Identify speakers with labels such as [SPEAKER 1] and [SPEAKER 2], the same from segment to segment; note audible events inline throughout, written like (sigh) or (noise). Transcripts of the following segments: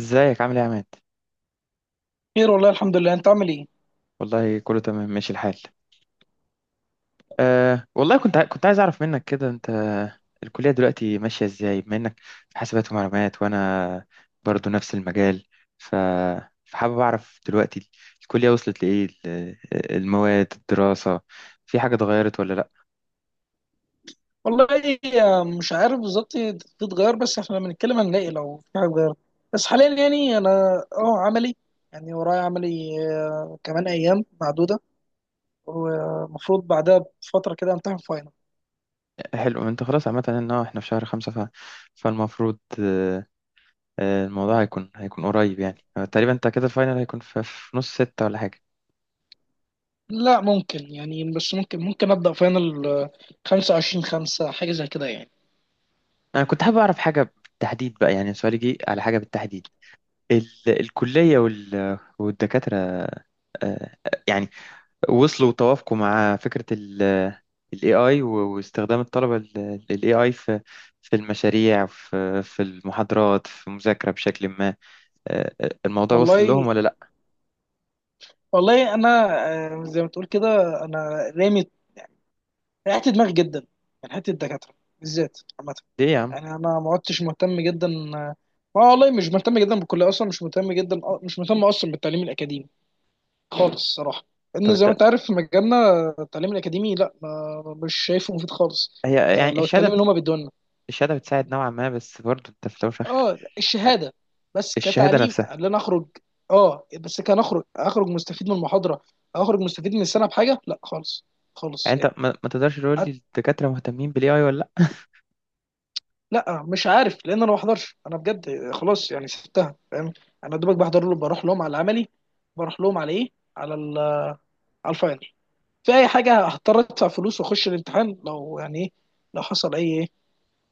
[SPEAKER 1] ازيك عامل ايه يا عماد؟
[SPEAKER 2] خير، والله الحمد لله. انت عامل ايه؟
[SPEAKER 1] والله كله تمام ماشي الحال. أه والله كنت ع- كنت عايز اعرف منك كده. انت الكلية دلوقتي ماشية ازاي بما انك في حاسبات ومعلومات، وانا برضو نفس المجال؟ ف فحابب اعرف دلوقتي الكلية وصلت لايه. المواد الدراسة في حاجة اتغيرت ولا لا؟
[SPEAKER 2] والله مش عارف بالظبط، تتغير. بس احنا لما نتكلم هنلاقي لو في حاجه اتغيرت. بس حاليا يعني انا اه عملي، يعني ورايا عملي كمان ايام معدوده، ومفروض بعدها بفتره كده امتحن فاينل.
[SPEAKER 1] حلو. انت خلاص، عامة ان هو احنا في شهر خمسة، فالمفروض الموضوع هيكون قريب يعني. تقريبا انت كده الفاينل هيكون في نص ستة ولا حاجة؟
[SPEAKER 2] لا ممكن يعني، بس ممكن ابدا فاينل 25 5 حاجه زي كده يعني.
[SPEAKER 1] انا كنت حابب اعرف حاجه بالتحديد بقى، يعني سؤالي جه على حاجه بالتحديد. الكليه والدكاتره، آه، يعني، وصلوا وتوافقوا مع فكره ال AI واستخدام الطلبه لل AI في في المشاريع، في المحاضرات، في المذاكره بشكل ما. الموضوع وصل
[SPEAKER 2] والله،
[SPEAKER 1] لهم ولا لا؟
[SPEAKER 2] انا زي ما تقول كده. انا رامي، ريحت دماغي جدا من حته الدكاتره بالذات عامه.
[SPEAKER 1] ليه يا عم؟
[SPEAKER 2] يعني انا ما عدتش مهتم جدا، ما والله مش مهتم جدا بالكليه اصلا، مش مهتم جدا، مش مهتم اصلا بالتعليم الاكاديمي خالص الصراحه.
[SPEAKER 1] طب
[SPEAKER 2] لان زي ما
[SPEAKER 1] انت،
[SPEAKER 2] انت عارف في مجالنا التعليم الاكاديمي لا، ما مش شايفه مفيد خالص.
[SPEAKER 1] هي يعني
[SPEAKER 2] لو التعليم
[SPEAKER 1] الشهاده،
[SPEAKER 2] اللي هما بيدوه لنا.
[SPEAKER 1] الشهاده بتساعد نوعا ما، بس برضه انت في الاول وفي الاخر
[SPEAKER 2] اه الشهاده، بس
[SPEAKER 1] الشهاده
[SPEAKER 2] كتعليم
[SPEAKER 1] نفسها.
[SPEAKER 2] قال لنا اخرج. اه بس كان اخرج، اخرج مستفيد من المحاضره، اخرج مستفيد من السنه بحاجه. لا خالص،
[SPEAKER 1] يعني
[SPEAKER 2] خالص
[SPEAKER 1] انت
[SPEAKER 2] يعني.
[SPEAKER 1] ما تقدرش تقول لي الدكاتره مهتمين بالاي اي ولا لا؟
[SPEAKER 2] لا مش عارف لان انا ما بحضرش، انا بجد خلاص يعني سبتها، فاهم. انا دوبك بحضر له، بروح لهم على العملي، بروح لهم على ايه، على على الفاينل. في اي حاجه هضطر ادفع فلوس واخش الامتحان، لو يعني ايه، لو حصل اي ايه،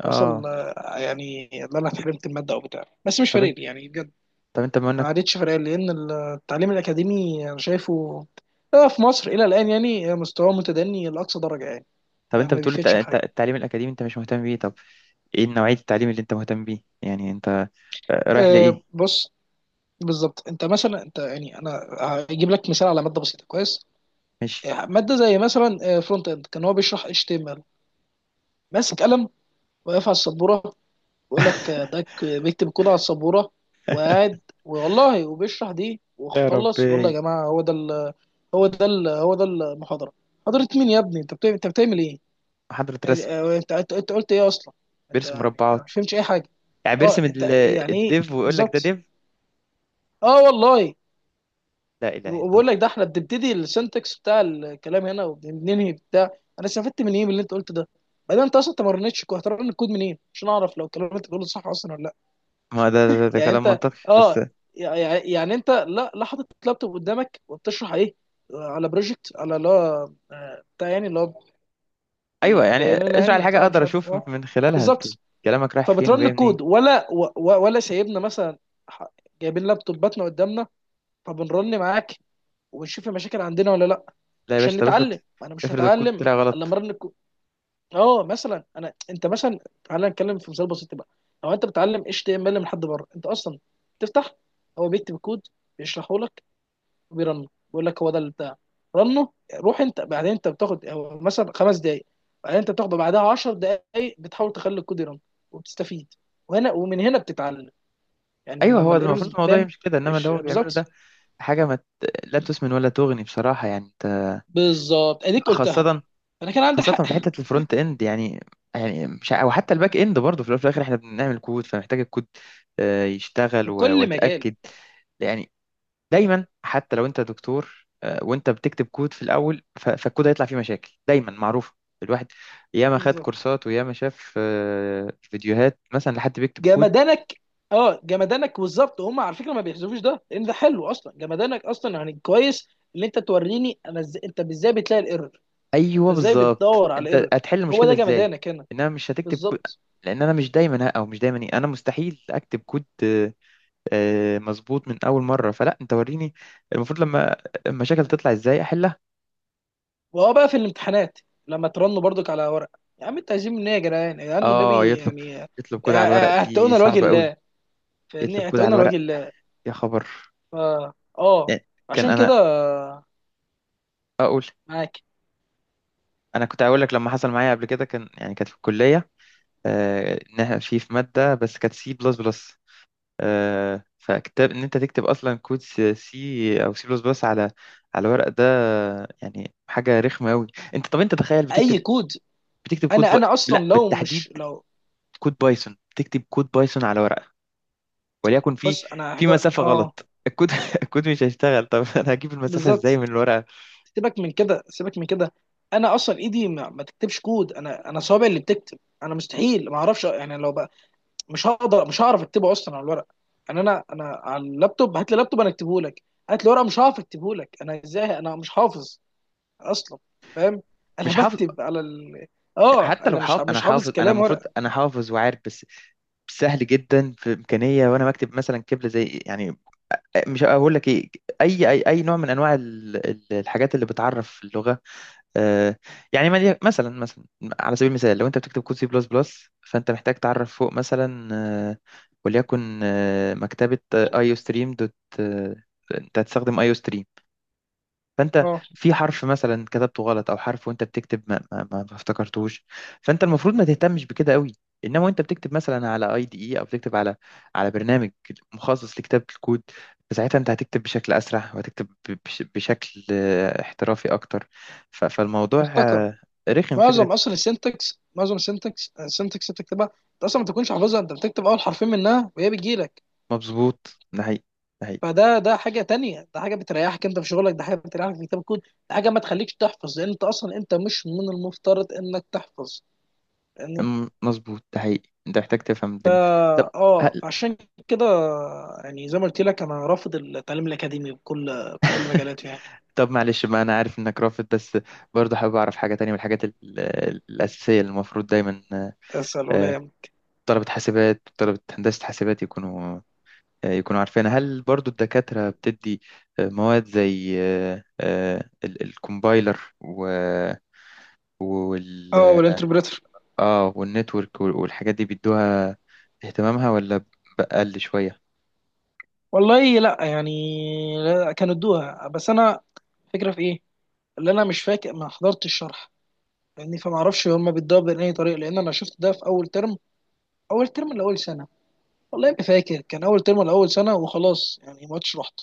[SPEAKER 2] حصل
[SPEAKER 1] اه.
[SPEAKER 2] يعني ان انا اتحرمت الماده او بتاع، بس مش
[SPEAKER 1] طب
[SPEAKER 2] فارق
[SPEAKER 1] انت،
[SPEAKER 2] لي يعني بجد.
[SPEAKER 1] طب انت بما
[SPEAKER 2] ما
[SPEAKER 1] انك،
[SPEAKER 2] عادتش فارق لي لان التعليم الاكاديمي انا شايفه في مصر الى الان يعني مستواه متدني لاقصى درجه يعني.
[SPEAKER 1] طب انت
[SPEAKER 2] ما
[SPEAKER 1] بتقول
[SPEAKER 2] بيفيدش في حاجه.
[SPEAKER 1] التعليم الاكاديمي انت مش مهتم بيه، طب ايه نوعية التعليم اللي انت مهتم بيه؟ يعني انت رايح لايه؟
[SPEAKER 2] بص. بالظبط انت مثلا، انت يعني انا هجيب لك مثال على ماده بسيطه كويس.
[SPEAKER 1] ماشي.
[SPEAKER 2] ماده زي مثلا فرونت اند، كان هو بيشرح اتش تي ام ال، ماسك قلم، واقف على السبوره، ويقول لك
[SPEAKER 1] (laughs)
[SPEAKER 2] ده بيكتب كود على السبوره وقاعد، والله وبيشرح دي،
[SPEAKER 1] يا
[SPEAKER 2] وخلص، والله
[SPEAKER 1] ربي!
[SPEAKER 2] يا جماعه هو ده هو ده المحاضره. محاضره مين يا ابني؟ انت بتعمل، ايه؟
[SPEAKER 1] محاضرة رسم!
[SPEAKER 2] انت أنت قلت ايه اصلا؟ انت
[SPEAKER 1] بيرسم
[SPEAKER 2] يعني أنا
[SPEAKER 1] مربعات،
[SPEAKER 2] مش فهمتش اي حاجه.
[SPEAKER 1] يعني
[SPEAKER 2] اه
[SPEAKER 1] بيرسم
[SPEAKER 2] انت يعني ايه؟
[SPEAKER 1] الديف ويقول لك ده
[SPEAKER 2] بالظبط.
[SPEAKER 1] ديف.
[SPEAKER 2] اه والله.
[SPEAKER 1] لا إله إلا
[SPEAKER 2] وبقول لك
[SPEAKER 1] الله.
[SPEAKER 2] ده احنا بنبتدي السنتكس بتاع الكلام هنا وبننهي بتاع. انا استفدت من ايه من اللي انت قلته ده؟ بعدين انت اصلا ما مرنتش، هترن الكود منين عشان اعرف لو الكلام اللي انت بتقوله صح اصلا ولا لا؟
[SPEAKER 1] ما ده
[SPEAKER 2] يعني
[SPEAKER 1] كلام
[SPEAKER 2] انت
[SPEAKER 1] منطقي بس.
[SPEAKER 2] اه، يعني يعني انت لا لا حاطط لابتوب قدامك وبتشرح ايه؟ على بروجكت، على اللي هو بتاع، يعني اللي هو
[SPEAKER 1] أيوه، يعني
[SPEAKER 2] بيان لنا
[SPEAKER 1] اشرح
[SPEAKER 2] يعني
[SPEAKER 1] الحاجة،
[SPEAKER 2] بتاع
[SPEAKER 1] أقدر
[SPEAKER 2] مش عارف
[SPEAKER 1] أشوف
[SPEAKER 2] اه.
[SPEAKER 1] من خلالها أنت
[SPEAKER 2] بالظبط.
[SPEAKER 1] كلامك رايح فين
[SPEAKER 2] فبترن
[SPEAKER 1] وجاي منين.
[SPEAKER 2] الكود ولا ولا سايبنا مثلا، ح- جايبين لابتوباتنا قدامنا فبنرن معاك وبنشوف المشاكل عندنا ولا لا؟
[SPEAKER 1] لا يا باشا،
[SPEAKER 2] عشان
[SPEAKER 1] طب افرض،
[SPEAKER 2] نتعلم، ما انا مش
[SPEAKER 1] افرض الكود
[SPEAKER 2] هتعلم
[SPEAKER 1] طلع
[SPEAKER 2] الا لما
[SPEAKER 1] غلط.
[SPEAKER 2] ارن اه. مثلا انا، انت مثلا تعالى نتكلم في مثال بسيط بقى. لو انت بتعلم اتش تي ام ال من حد بره، انت اصلا تفتح، هو بيكتب الكود، بيشرحه لك وبيرنه بيقول لك هو ده اللي بتاع، رنه. روح انت بعدين، انت بتاخد هو مثلا خمس دقائق، بعدين انت بتاخده بعدها 10 دقائق بتحاول تخلي الكود يرن وبتستفيد، وهنا ومن هنا بتتعلم يعني
[SPEAKER 1] أيوه،
[SPEAKER 2] لما
[SPEAKER 1] هو ده
[SPEAKER 2] الايرورز
[SPEAKER 1] المفروض الموضوع
[SPEAKER 2] بتبان.
[SPEAKER 1] يمشي كده، إنما اللي هو بيعمله ده
[SPEAKER 2] بالظبط.
[SPEAKER 1] حاجة ما ت- لا تسمن ولا تغني بصراحة. يعني أنت
[SPEAKER 2] بالظبط اديك قلتها.
[SPEAKER 1] خاصة،
[SPEAKER 2] انا كان عندي
[SPEAKER 1] خاصة
[SPEAKER 2] حق.
[SPEAKER 1] في حتة الفرونت اند، يعني يعني مش ع- او حتى الباك اند برضه، في الأول وفي الاخر احنا بنعمل كود، فمحتاج الكود يشتغل
[SPEAKER 2] في كل مجال.
[SPEAKER 1] واتاكد يعني. دايما، حتى لو انت دكتور وانت بتكتب كود في الاول فالكود هيطلع فيه مشاكل دايما معروفة. الواحد ياما خد
[SPEAKER 2] بالظبط.
[SPEAKER 1] كورسات وياما شاف فيديوهات مثلا لحد بيكتب كود.
[SPEAKER 2] جمدانك. اه جمدانك بالظبط، هم على فكره ما بيحذفوش ده لان ده حلو اصلا، جمدانك اصلا يعني كويس ان انت توريني انا ازاي، انت ازاي بتلاقي الايرور، انت
[SPEAKER 1] ايوه،
[SPEAKER 2] ازاي
[SPEAKER 1] بالظبط،
[SPEAKER 2] بتدور على
[SPEAKER 1] انت
[SPEAKER 2] الايرور.
[SPEAKER 1] هتحل
[SPEAKER 2] هو
[SPEAKER 1] المشكلة
[SPEAKER 2] ده
[SPEAKER 1] ازاي.
[SPEAKER 2] جمدانك هنا.
[SPEAKER 1] انما مش هتكتب كود،
[SPEAKER 2] بالظبط.
[SPEAKER 1] لان انا مش دايما ه- او مش دايما إيه، انا مستحيل اكتب كود مظبوط من اول مره، فلا انت وريني المفروض لما المشاكل تطلع ازاي احلها.
[SPEAKER 2] وهو بقى في الامتحانات لما ترنوا برضك على ورق، يا عم انت عايزين مني، يا جدعان يا جدعان
[SPEAKER 1] اه،
[SPEAKER 2] والنبي
[SPEAKER 1] يطلب،
[SPEAKER 2] يعني
[SPEAKER 1] يطلب كود على الورق دي
[SPEAKER 2] اعتقونا لوجه
[SPEAKER 1] صعبه قوي.
[SPEAKER 2] الله،
[SPEAKER 1] يطلب
[SPEAKER 2] فاهمني،
[SPEAKER 1] كود على
[SPEAKER 2] اعتقونا لوجه
[SPEAKER 1] الورق؟
[SPEAKER 2] الله.
[SPEAKER 1] يا خبر!
[SPEAKER 2] اه اه.
[SPEAKER 1] يعني كان
[SPEAKER 2] عشان كده.
[SPEAKER 1] انا اقول،
[SPEAKER 2] معاك.
[SPEAKER 1] انا كنت هقول لك لما حصل معايا قبل كده، كان يعني كانت في الكليه انها في ماده بس كانت سي بلس بلس، فكتاب ان انت تكتب اصلا كود سي او سي بلس بلس على على ورق، ده يعني حاجه رخمه قوي. انت طب انت تخيل
[SPEAKER 2] اي
[SPEAKER 1] بتكتب،
[SPEAKER 2] كود
[SPEAKER 1] بتكتب كود
[SPEAKER 2] انا اصلا
[SPEAKER 1] لا
[SPEAKER 2] لو
[SPEAKER 1] بالتحديد،
[SPEAKER 2] مش لو،
[SPEAKER 1] كود بايثون. تكتب كود بايثون على ورقة، وليكن في
[SPEAKER 2] بص انا
[SPEAKER 1] في
[SPEAKER 2] هبقى
[SPEAKER 1] مسافة
[SPEAKER 2] اه
[SPEAKER 1] غلط، الكود (laughs) الكود مش هيشتغل. طب (laughs) انا هجيب المسافة
[SPEAKER 2] بالظبط،
[SPEAKER 1] ازاي من الورقة؟
[SPEAKER 2] سيبك من كده، سيبك من كده. انا اصلا ايدي ما تكتبش كود، انا صوابعي اللي بتكتب، انا مستحيل ما اعرفش يعني لو بقى مش هقدر، مش هعرف اكتبه اصلا على الورق. يعني انا على اللابتوب هات لي لابتوب انا اكتبه لك، هات لي ورقه مش هعرف اكتبه لك انا ازاي، انا مش حافظ اصلا، فاهم. (laughs) انا
[SPEAKER 1] مش حافظ.
[SPEAKER 2] بكتب على ال... اه
[SPEAKER 1] حتى لو
[SPEAKER 2] انا
[SPEAKER 1] حافظ، انا
[SPEAKER 2] مش حافظ
[SPEAKER 1] حافظ، انا
[SPEAKER 2] كلام
[SPEAKER 1] المفروض
[SPEAKER 2] ورقه.
[SPEAKER 1] انا حافظ وعارف، بس سهل جدا في امكانيه وانا بكتب مثلا كبله زي يعني، مش هقول لك ايه، اي نوع من انواع الحاجات اللي بتعرف اللغه آه، يعني مثلا، على سبيل المثال، لو انت بتكتب كود سي بلس بلس فانت محتاج تعرف فوق مثلا آه، وليكن مكتبة ايو ستريم دوت آه، انت هتستخدم ايو، فانت
[SPEAKER 2] اه
[SPEAKER 1] في حرف مثلا كتبته غلط، او حرف وانت بتكتب ما افتكرتهوش، فانت المفروض ما تهتمش بكده قوي. انما وانت بتكتب مثلا على اي دي اي، او بتكتب على على برنامج مخصص لكتابه الكود، فساعتها انت هتكتب بشكل اسرع، وهتكتب بشكل احترافي اكتر. فالموضوع
[SPEAKER 2] افتكر
[SPEAKER 1] رخم فكره.
[SPEAKER 2] معظم اصلا السنتكس، معظم السنتكس، اللي بتكتبها انت اصلا ما تكونش حافظها، انت بتكتب اول حرفين منها وهي بتجيلك.
[SPEAKER 1] مظبوط، ده حقيقي، ده حقيقي.
[SPEAKER 2] فده حاجه تانية، ده حاجه بتريحك انت في شغلك، ده حاجه بتريحك في كتاب الكود، ده حاجه ما تخليكش تحفظ لان انت اصلا، انت مش من المفترض انك تحفظ يعني.
[SPEAKER 1] مظبوط، ده حقيقي، انت محتاج تفهم
[SPEAKER 2] فا
[SPEAKER 1] الدنيا. طب،
[SPEAKER 2] اه. فعشان كده يعني، زي ما قلت لك انا رافض التعليم الاكاديمي بكل مجالاته يعني.
[SPEAKER 1] طب معلش بقى، انا عارف انك رافض، بس برضه حابب اعرف حاجه تانية من الحاجات الاساسيه اللي المفروض دايما
[SPEAKER 2] اسال ولا
[SPEAKER 1] آه،
[SPEAKER 2] يهم.
[SPEAKER 1] طلبه حاسبات، طلبه هندسه حاسبات يكونوا يكونوا عارفينها. هل برضه الدكاتره بتدي مواد زي الكومبايلر و- وال
[SPEAKER 2] اه والانتربريتر.
[SPEAKER 1] اه والنتورك والحاجات دي، بيدوها اهتمامها ولا بقل شويه؟
[SPEAKER 2] والله لا يعني. لا، كانوا ادوها بس انا فكره في ايه اللي انا مش فاكر، ما حضرتش الشرح يعني، فما اعرفش هما بيدوها بأي طريقه لان انا شفت ده في اول ترم، اول ترم لاول سنه، والله ما فاكر كان اول ترم ولا اول سنه وخلاص يعني ما عدتش رحت،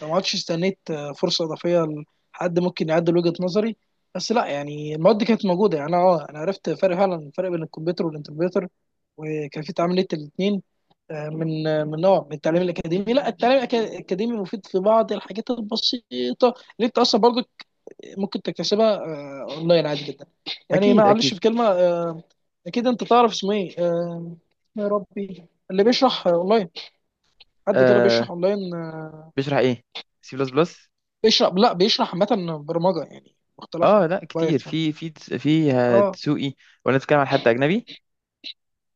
[SPEAKER 2] فما عدتش استنيت فرصه اضافيه لحد ممكن يعدل وجهه نظري. بس لا يعني المواد كانت موجوده، يعني انا اه انا عرفت فرق فعلا، الفرق بين الكمبيوتر والانتربريتر وكان في تعاملية الاثنين من من نوع من التعليم الاكاديمي. لا التعليم الاكاديمي مفيد في بعض الحاجات البسيطه اللي انت اصلا برضو ممكن تكتسبها اونلاين عادي جدا يعني.
[SPEAKER 1] اكيد،
[SPEAKER 2] معلش
[SPEAKER 1] اكيد.
[SPEAKER 2] في كلمه اكيد انت تعرف اسمه ايه. يا ربي، اللي بيشرح اونلاين، حد كده
[SPEAKER 1] آه،
[SPEAKER 2] بيشرح اونلاين
[SPEAKER 1] بيشرح ايه؟ سي بلس بلس؟
[SPEAKER 2] بيشرح، لا بيشرح عامه برمجه يعني
[SPEAKER 1] اه
[SPEAKER 2] مختلفه،
[SPEAKER 1] لا، كتير،
[SPEAKER 2] بايثون.
[SPEAKER 1] في
[SPEAKER 2] اه
[SPEAKER 1] دسوقي، ولا نتكلم عن حد اجنبي؟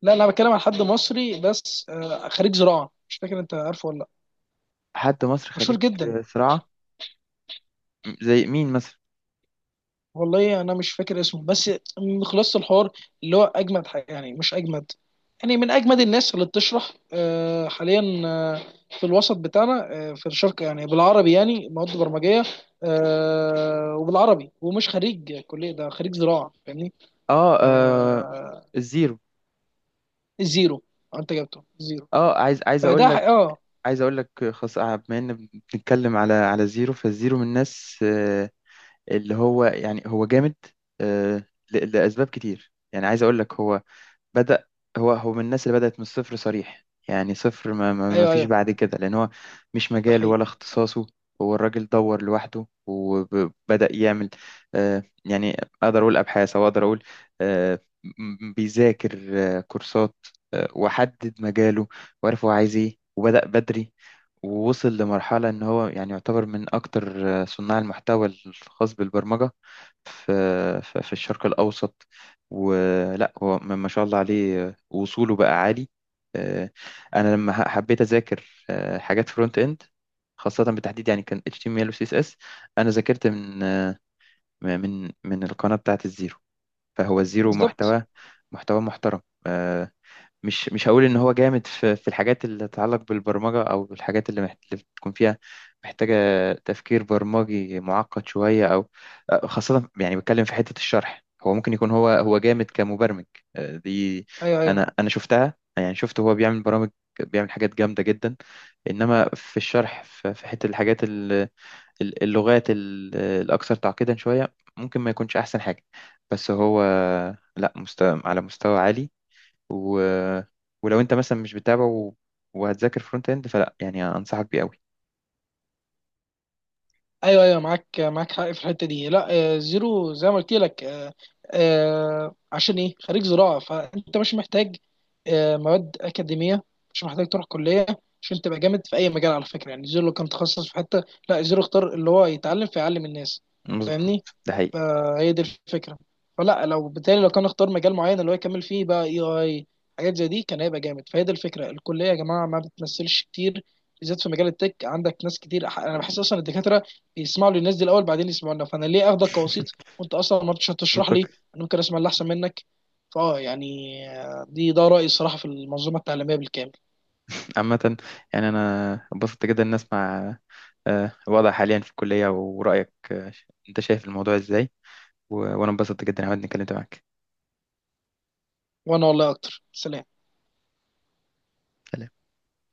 [SPEAKER 2] لا انا بتكلم عن حد مصري بس، خريج زراعه، مش فاكر انت عارفه ولا لا،
[SPEAKER 1] حد مصري
[SPEAKER 2] مشهور
[SPEAKER 1] خريج
[SPEAKER 2] جدا.
[SPEAKER 1] زراعه، زي مين مثلا؟
[SPEAKER 2] والله انا مش فاكر اسمه، بس من خلاصه الحوار اللي هو اجمد حاجة يعني، مش اجمد يعني، من اجمد الناس اللي بتشرح حاليا، في الوسط بتاعنا، في الشرق يعني بالعربي، يعني مواد برمجيه وبالعربي، ومش خريج كليه، ده خريج زراعه، فاهمني.
[SPEAKER 1] اه،
[SPEAKER 2] آه،
[SPEAKER 1] الزيرو.
[SPEAKER 2] زيرو. انت جبته زيرو.
[SPEAKER 1] اه، عايز، عايز اقول
[SPEAKER 2] فده
[SPEAKER 1] لك،
[SPEAKER 2] اه.
[SPEAKER 1] عايز اقول لك خاص بما ان بنتكلم على على زيرو. فالزيرو من الناس اللي هو يعني هو جامد آه، لاسباب كتير. يعني عايز اقول لك، هو بدأ، هو من الناس اللي بدأت من الصفر صريح، يعني صفر، ما, ما, ما
[SPEAKER 2] ايوه
[SPEAKER 1] فيش
[SPEAKER 2] ايوه،
[SPEAKER 1] بعد كده، لأن هو مش
[SPEAKER 2] ده
[SPEAKER 1] مجاله ولا
[SPEAKER 2] حقيقي.
[SPEAKER 1] اختصاصه. هو الراجل دور لوحده وبدأ يعمل آه يعني، أقدر أقول أبحاث، أو أقدر أقول آه بيذاكر آه كورسات آه، وحدد مجاله وعرف هو عايز إيه وبدأ بدري، ووصل لمرحلة إن هو يعني يعتبر من أكتر صناع المحتوى الخاص بالبرمجة في في الشرق الأوسط. ولا هو ما شاء الله عليه، وصوله بقى عالي. آه، انا لما حبيت اذاكر حاجات فرونت اند خاصة، بالتحديد يعني كان HTML و CSS، انا ذاكرت من من القناة بتاعت الزيرو. فهو الزيرو
[SPEAKER 2] بالظبط.
[SPEAKER 1] محتوى، محتوى محترم. آه، مش هقول ان هو جامد في الحاجات اللي تتعلق بالبرمجه، او الحاجات اللي بتكون فيها محتاجه تفكير برمجي معقد شويه، او خاصه يعني بتكلم في حته الشرح. هو ممكن يكون، هو جامد كمبرمج دي.
[SPEAKER 2] ايوه ايوه،
[SPEAKER 1] انا، انا شفتها، يعني شفت هو بيعمل برامج، بيعمل حاجات جامده جدا. انما في الشرح، في في حته الحاجات اللغات الاكثر تعقيدا شويه ممكن ما يكونش احسن حاجه. بس هو لا، مستوى على مستوى عالي، و... ولو انت مثلا مش بتتابع وهتذاكر فرونت اند، فلا يعني انصحك بيه قوي.
[SPEAKER 2] ايوه ايوه، معاك معاك حق في الحته دي. لا زيرو زي ما قلت لك عشان ايه خريج زراعه، فانت مش محتاج مواد اكاديميه، مش محتاج تروح كليه عشان تبقى جامد في اي مجال، على فكره يعني. زيرو لو كان تخصص في حته، لا زيرو اختار اللي هو يتعلم فيعلم الناس،
[SPEAKER 1] مظبوط،
[SPEAKER 2] فاهمني.
[SPEAKER 1] ده حقيقي.
[SPEAKER 2] فهي دي الفكره، فلا لو بالتالي لو كان اختار مجال معين اللي هو يكمل فيه بقى اي حاجات زي دي كان هيبقى جامد. فهي دي الفكره، الكليه يا جماعه ما بتمثلش كتير بالذات في مجال التك، عندك ناس كتير، انا بحس اصلا الدكاتره يسمعوا للناس دي الاول بعدين يسمعونا، فانا ليه اخدك كوسيط
[SPEAKER 1] (laughs)
[SPEAKER 2] وانت اصلا ما رضيتش هتشرح لي؟
[SPEAKER 1] منطقي.
[SPEAKER 2] انا ممكن اسمع اللي احسن منك. فاه يعني دي ده رايي الصراحه في المنظومه التعليميه بالكامل.
[SPEAKER 1] عامة، يعني أنا اتبسطت جدا إن أسمع الوضع حاليا في الكلية ورأيك أنت شايف الموضوع إزاي، وأنا اتبسطت جدا عمال إني اتكلمت معاك.
[SPEAKER 2] وانا والله اكتر. سلام.
[SPEAKER 1] سلام.